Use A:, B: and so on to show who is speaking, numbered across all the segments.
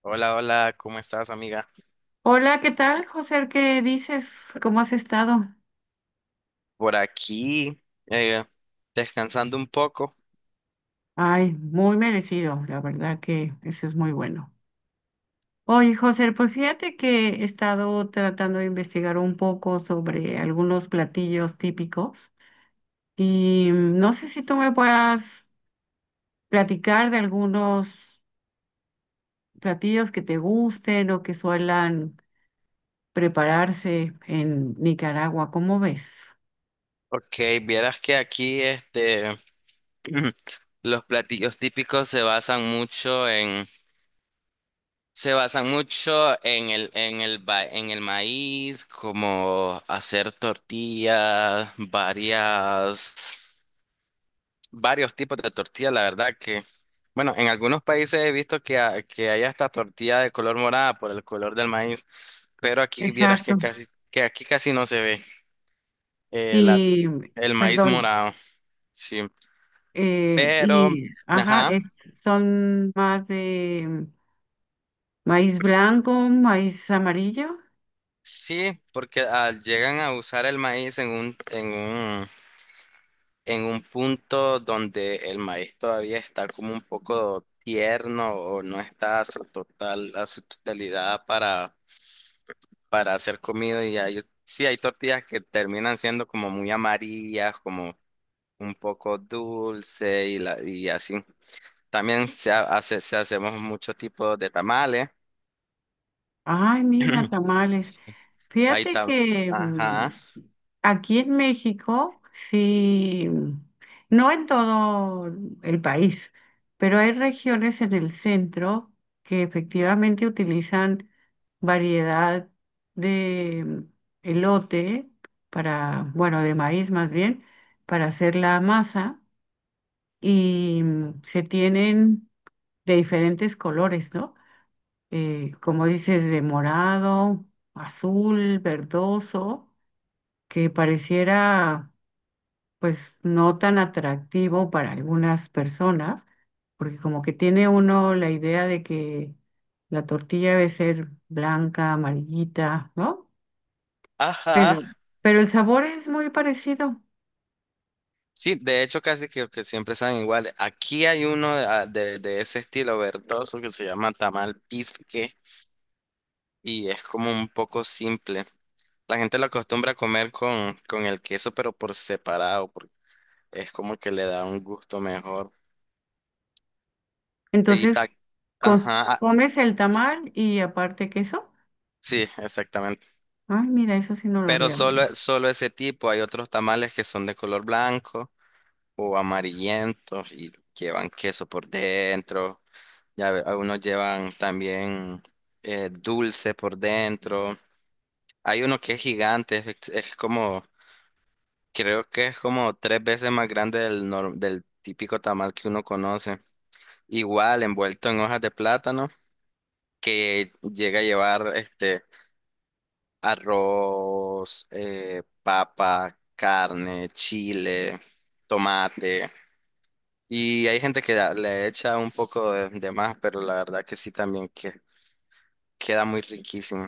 A: Hola, hola, ¿cómo estás, amiga?
B: Hola, ¿qué tal, José? ¿Qué dices? ¿Cómo has estado?
A: Por aquí, eh, descansando un poco.
B: Ay, muy merecido, la verdad que eso es muy bueno. Oye, José, pues fíjate que he estado tratando de investigar un poco sobre algunos platillos típicos y no sé si tú me puedas platicar de algunos platillos que te gusten o que suelan prepararse en Nicaragua, ¿cómo ves?
A: Ok, vieras que aquí los platillos típicos se basan mucho se basan mucho en en el maíz, como hacer tortillas, varias. Varios tipos de tortilla, la verdad que, bueno, en algunos países he visto que hay hasta tortilla de color morada por el color del maíz, pero aquí vieras
B: Exacto.
A: que que aquí casi no se ve eh, la-
B: Y,
A: el maíz
B: perdón.
A: morado, sí, pero,
B: Y, ajá,
A: ajá,
B: es, son más de maíz blanco, maíz amarillo.
A: sí, porque llegan a usar el maíz en en un punto donde el maíz todavía está como un poco tierno o no está a su a su totalidad para hacer comida y ya yo sí, hay tortillas que terminan siendo como muy amarillas, como un poco dulce y así. También hace, se hacemos muchos tipos de tamales.
B: Ay, mira, tamales.
A: Sí, ahí
B: Fíjate
A: está.
B: que
A: Ajá.
B: aquí en México, sí, no en todo el país, pero hay regiones en el centro que efectivamente utilizan variedad de elote para, bueno, de maíz más bien, para hacer la masa. Y se tienen de diferentes colores, ¿no? Como dices, de morado, azul, verdoso, que pareciera pues no tan atractivo para algunas personas, porque como que tiene uno la idea de que la tortilla debe ser blanca, amarillita, ¿no?
A: Ajá.
B: Pero, pero el sabor es muy parecido.
A: Sí, de hecho casi que siempre saben iguales. Aquí hay uno de ese estilo verdoso que se llama tamal pisque y es como un poco simple. La gente lo acostumbra a comer con el queso, pero por separado. Es como que le da un gusto mejor. Y
B: Entonces,
A: ta-
B: cons-
A: ajá, ah,
B: comes el tamal y aparte queso.
A: sí, exactamente.
B: Ay, mira, eso sí no lo
A: Pero
B: había oído.
A: solo ese tipo, hay otros tamales que son de color blanco o amarillentos y llevan queso por dentro. Algunos llevan también dulce por dentro. Hay uno que es gigante, es como, creo que es como tres veces más grande del, nor- del típico tamal que uno conoce. Igual envuelto en hojas de plátano que llega a llevar este. Arroz, papa, carne, chile, tomate. Y hay gente le echa un poco de más, pero la verdad que sí también que queda muy riquísimo.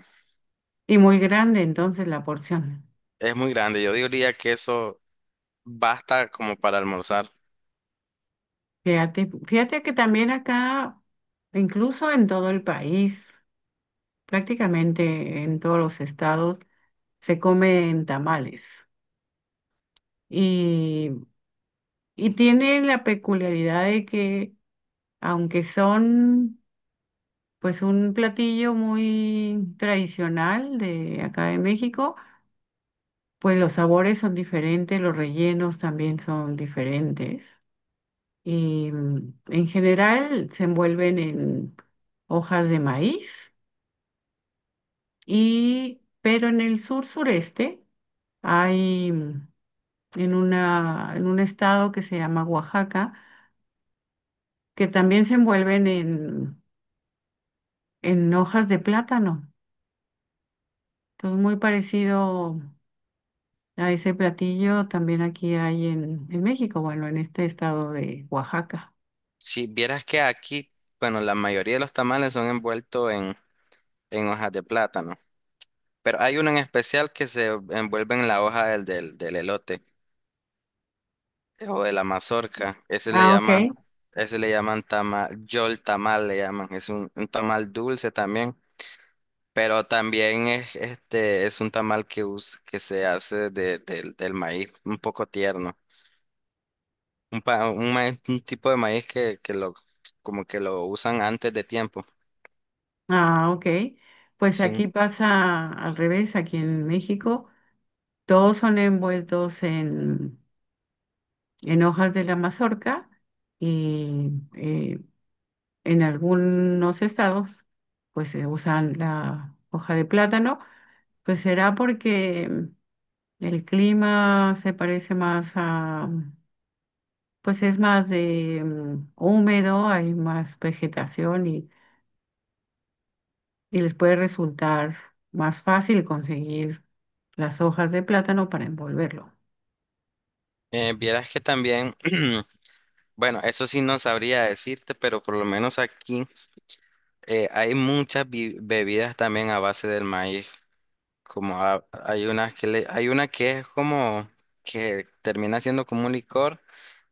B: Y muy grande entonces la porción.
A: Es muy grande. Yo diría que eso basta como para almorzar.
B: Fíjate que también acá, incluso en todo el país, prácticamente en todos los estados, se comen tamales. Y, y tiene la peculiaridad de que, aunque son pues un platillo muy tradicional de acá de México, pues los sabores son diferentes, los rellenos también son diferentes. Y en general se envuelven en hojas de maíz y pero en el sur sureste hay en una en un estado que se llama Oaxaca que también se envuelven en hojas de plátano. Entonces muy parecido a ese platillo también aquí hay en México, bueno, en este estado de Oaxaca.
A: Si vieras que aquí, bueno, la mayoría de los tamales son envueltos en hojas de plátano. Pero hay uno en especial que se envuelve en la hoja del elote. O de la mazorca.
B: Ah, ok.
A: Ese le llaman tamal, yol tamal le llaman. Es un tamal dulce también. Pero también es, este, es un tamal que se hace de, del del maíz, un poco tierno. Un tipo de maíz que lo, como que lo usan antes de tiempo.
B: Ah, ok. Pues
A: Sí.
B: aquí pasa al revés, aquí en México todos son envueltos en hojas de la mazorca y eh, en algunos estados pues se usan la hoja de plátano. Pues será porque el clima se parece más a, pues es más de húmedo, hay más vegetación y les puede resultar más fácil conseguir las hojas de plátano para envolverlo.
A: Vieras que también, bueno, eso sí no sabría decirte, pero por lo menos aquí hay muchas bebidas también a base del maíz. Hay una que hay una que es como que termina siendo como un licor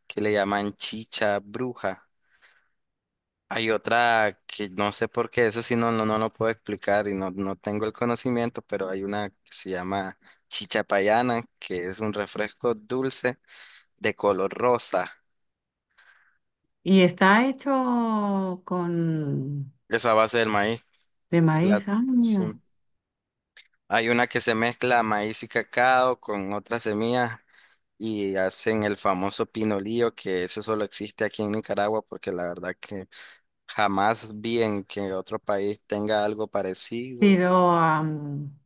A: que le llaman chicha bruja. Hay otra que no sé por qué, eso sí no lo puedo explicar y no tengo el conocimiento, pero hay una que se llama chicha payana, que es un refresco dulce de color rosa.
B: Y está hecho con
A: Esa base del maíz.
B: de
A: La,
B: maíz, ah,
A: sí.
B: mira.
A: Hay una que se mezcla maíz y cacao con otras semillas y hacen el famoso pinolillo, que ese solo existe aquí en Nicaragua, porque la verdad que jamás vi en que otro país tenga algo parecido
B: Pero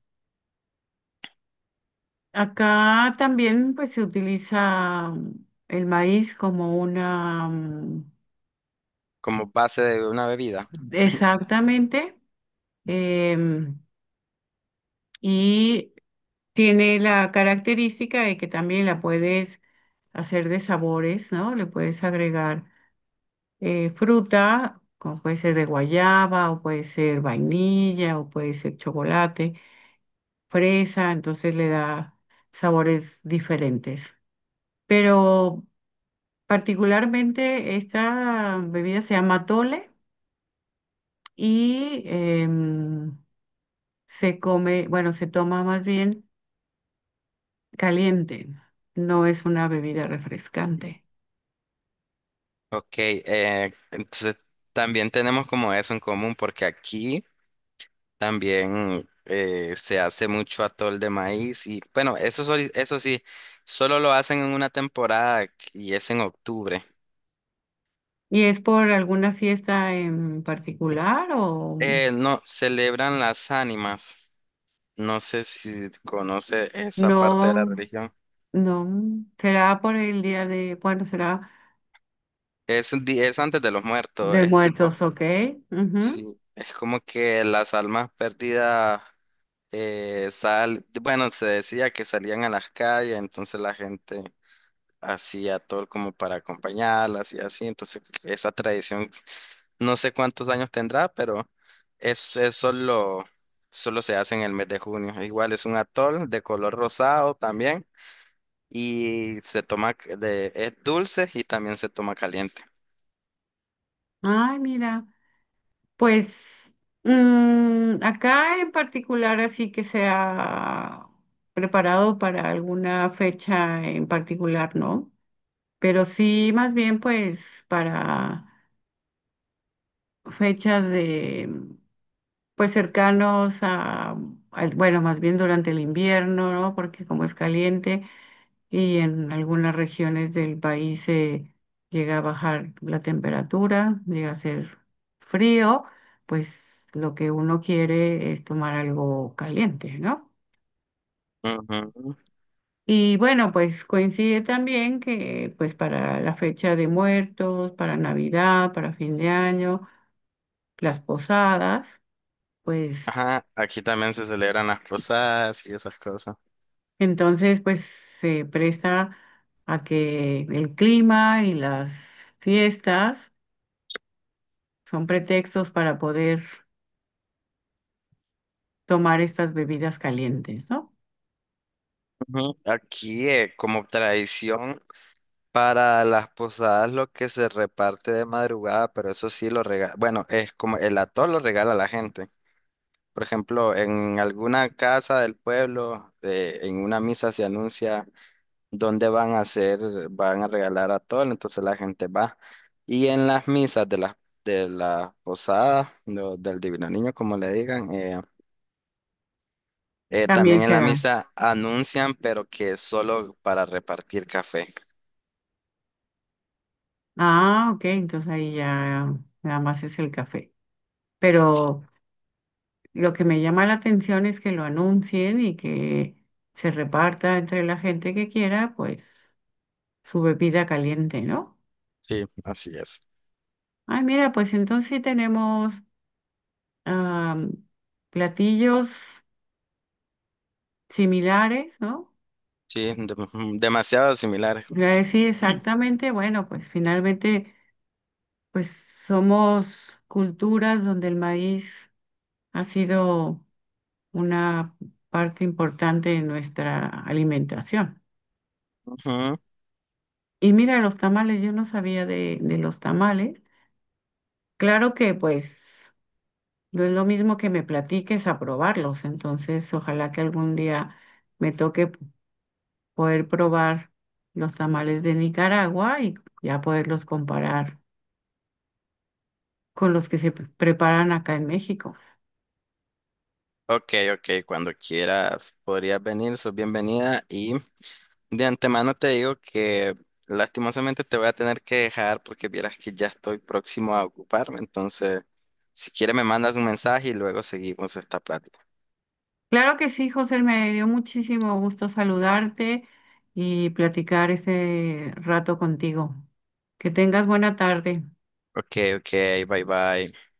B: acá también pues se utiliza el maíz como una...
A: como base de una bebida.
B: exactamente. em, y tiene la característica de que también la puedes hacer de sabores, ¿no? Le puedes agregar fruta, como puede ser de guayaba, o puede ser vainilla, o puede ser chocolate, fresa, entonces le da sabores diferentes. Pero particularmente esta bebida se llama tole y se come, bueno, se toma más bien caliente, no es una bebida refrescante.
A: Ok, entonces también tenemos como eso en común, porque aquí también se hace mucho atol de maíz y bueno, eso, eso sí, solo lo hacen en una temporada y es en octubre.
B: ¿Y es por alguna fiesta en particular o
A: No, celebran las ánimas. No sé si conoce esa parte de la
B: no?
A: religión.
B: No, será por el día de, bueno, será
A: Es antes de los muertos,
B: de
A: es tipo,
B: muertos, ¿ok? Ujú.
A: sí, es como que las almas perdidas bueno, se decía que salían a las calles, entonces la gente hacía todo como para acompañarlas y así, entonces esa tradición, no sé cuántos años tendrá, pero es solo, solo se hace en el mes de junio. Igual es un atol de color rosado también. Y se toma es dulce y también se toma caliente.
B: Ay, mira. Pues acá en particular, así que se ha preparado para alguna fecha en particular, ¿no? Pero sí, más bien, pues para fechas de, pues cercanos a, al- bueno, más bien durante el invierno, ¿no? Porque como es caliente, y en algunas regiones del país llega a bajar la temperatura, llega a ser frío, pues lo que uno quiere es tomar algo caliente, ¿no?
A: Ujú.
B: Y bueno, pues coincide también que pues para la fecha de muertos, para Navidad, para fin de año, las posadas, pues
A: Ajá, aquí también se celebran las posadas y esas cosas.
B: entonces pues se presta a que el clima y las fiestas son pretextos para poder tomar estas bebidas calientes, ¿no?
A: Ujú. Aquí, como tradición para las posadas, lo que se reparte de madrugada, pero eso sí lo regala. Bueno, es como el atol lo regala a la gente. Por ejemplo, en alguna casa del pueblo, en una misa se anuncia. Donde van a hacer, van a regalar atol, entonces la gente va. Y en las misas de la posada, del Divino Niño, como le digan,
B: También
A: también en
B: se
A: la
B: da.
A: misa anuncian, pero que solo para repartir café.
B: Ah, ok, entonces ahí ya nada más es el café. Pero lo que me llama la atención es que lo anuncien y que se reparta entre la gente que quiera, pues, su bebida caliente, ¿no?
A: Sí, así es.
B: Ay, mira, pues entonces sí tenemos am, platillos similares, ¿no?
A: Sí, demasiado similar.
B: Sí, exactamente. Bueno, pues finalmente, pues somos culturas donde el maíz ha sido una parte importante de nuestra alimentación.
A: Ujú.
B: Y mira, los tamales, yo no sabía de los tamales. Claro que pues no es lo mismo que me platiques a probarlos, entonces ojalá que algún día me toque poder probar los tamales de Nicaragua y ya poderlos comparar con los que se preparan acá en México.
A: Ok, ok, cuando quieras podrías venir, sos bienvenida y de antemano te digo que lastimosamente te voy a tener que dejar porque vieras que ya estoy próximo a ocuparme. Entonces, si quieres me mandas un mensaje y luego seguimos esta plática.
B: Claro que sí, José, me dio muchísimo gusto saludarte y platicar ese rato contigo. Que tengas buena tarde.
A: Ok, ok, bye bye.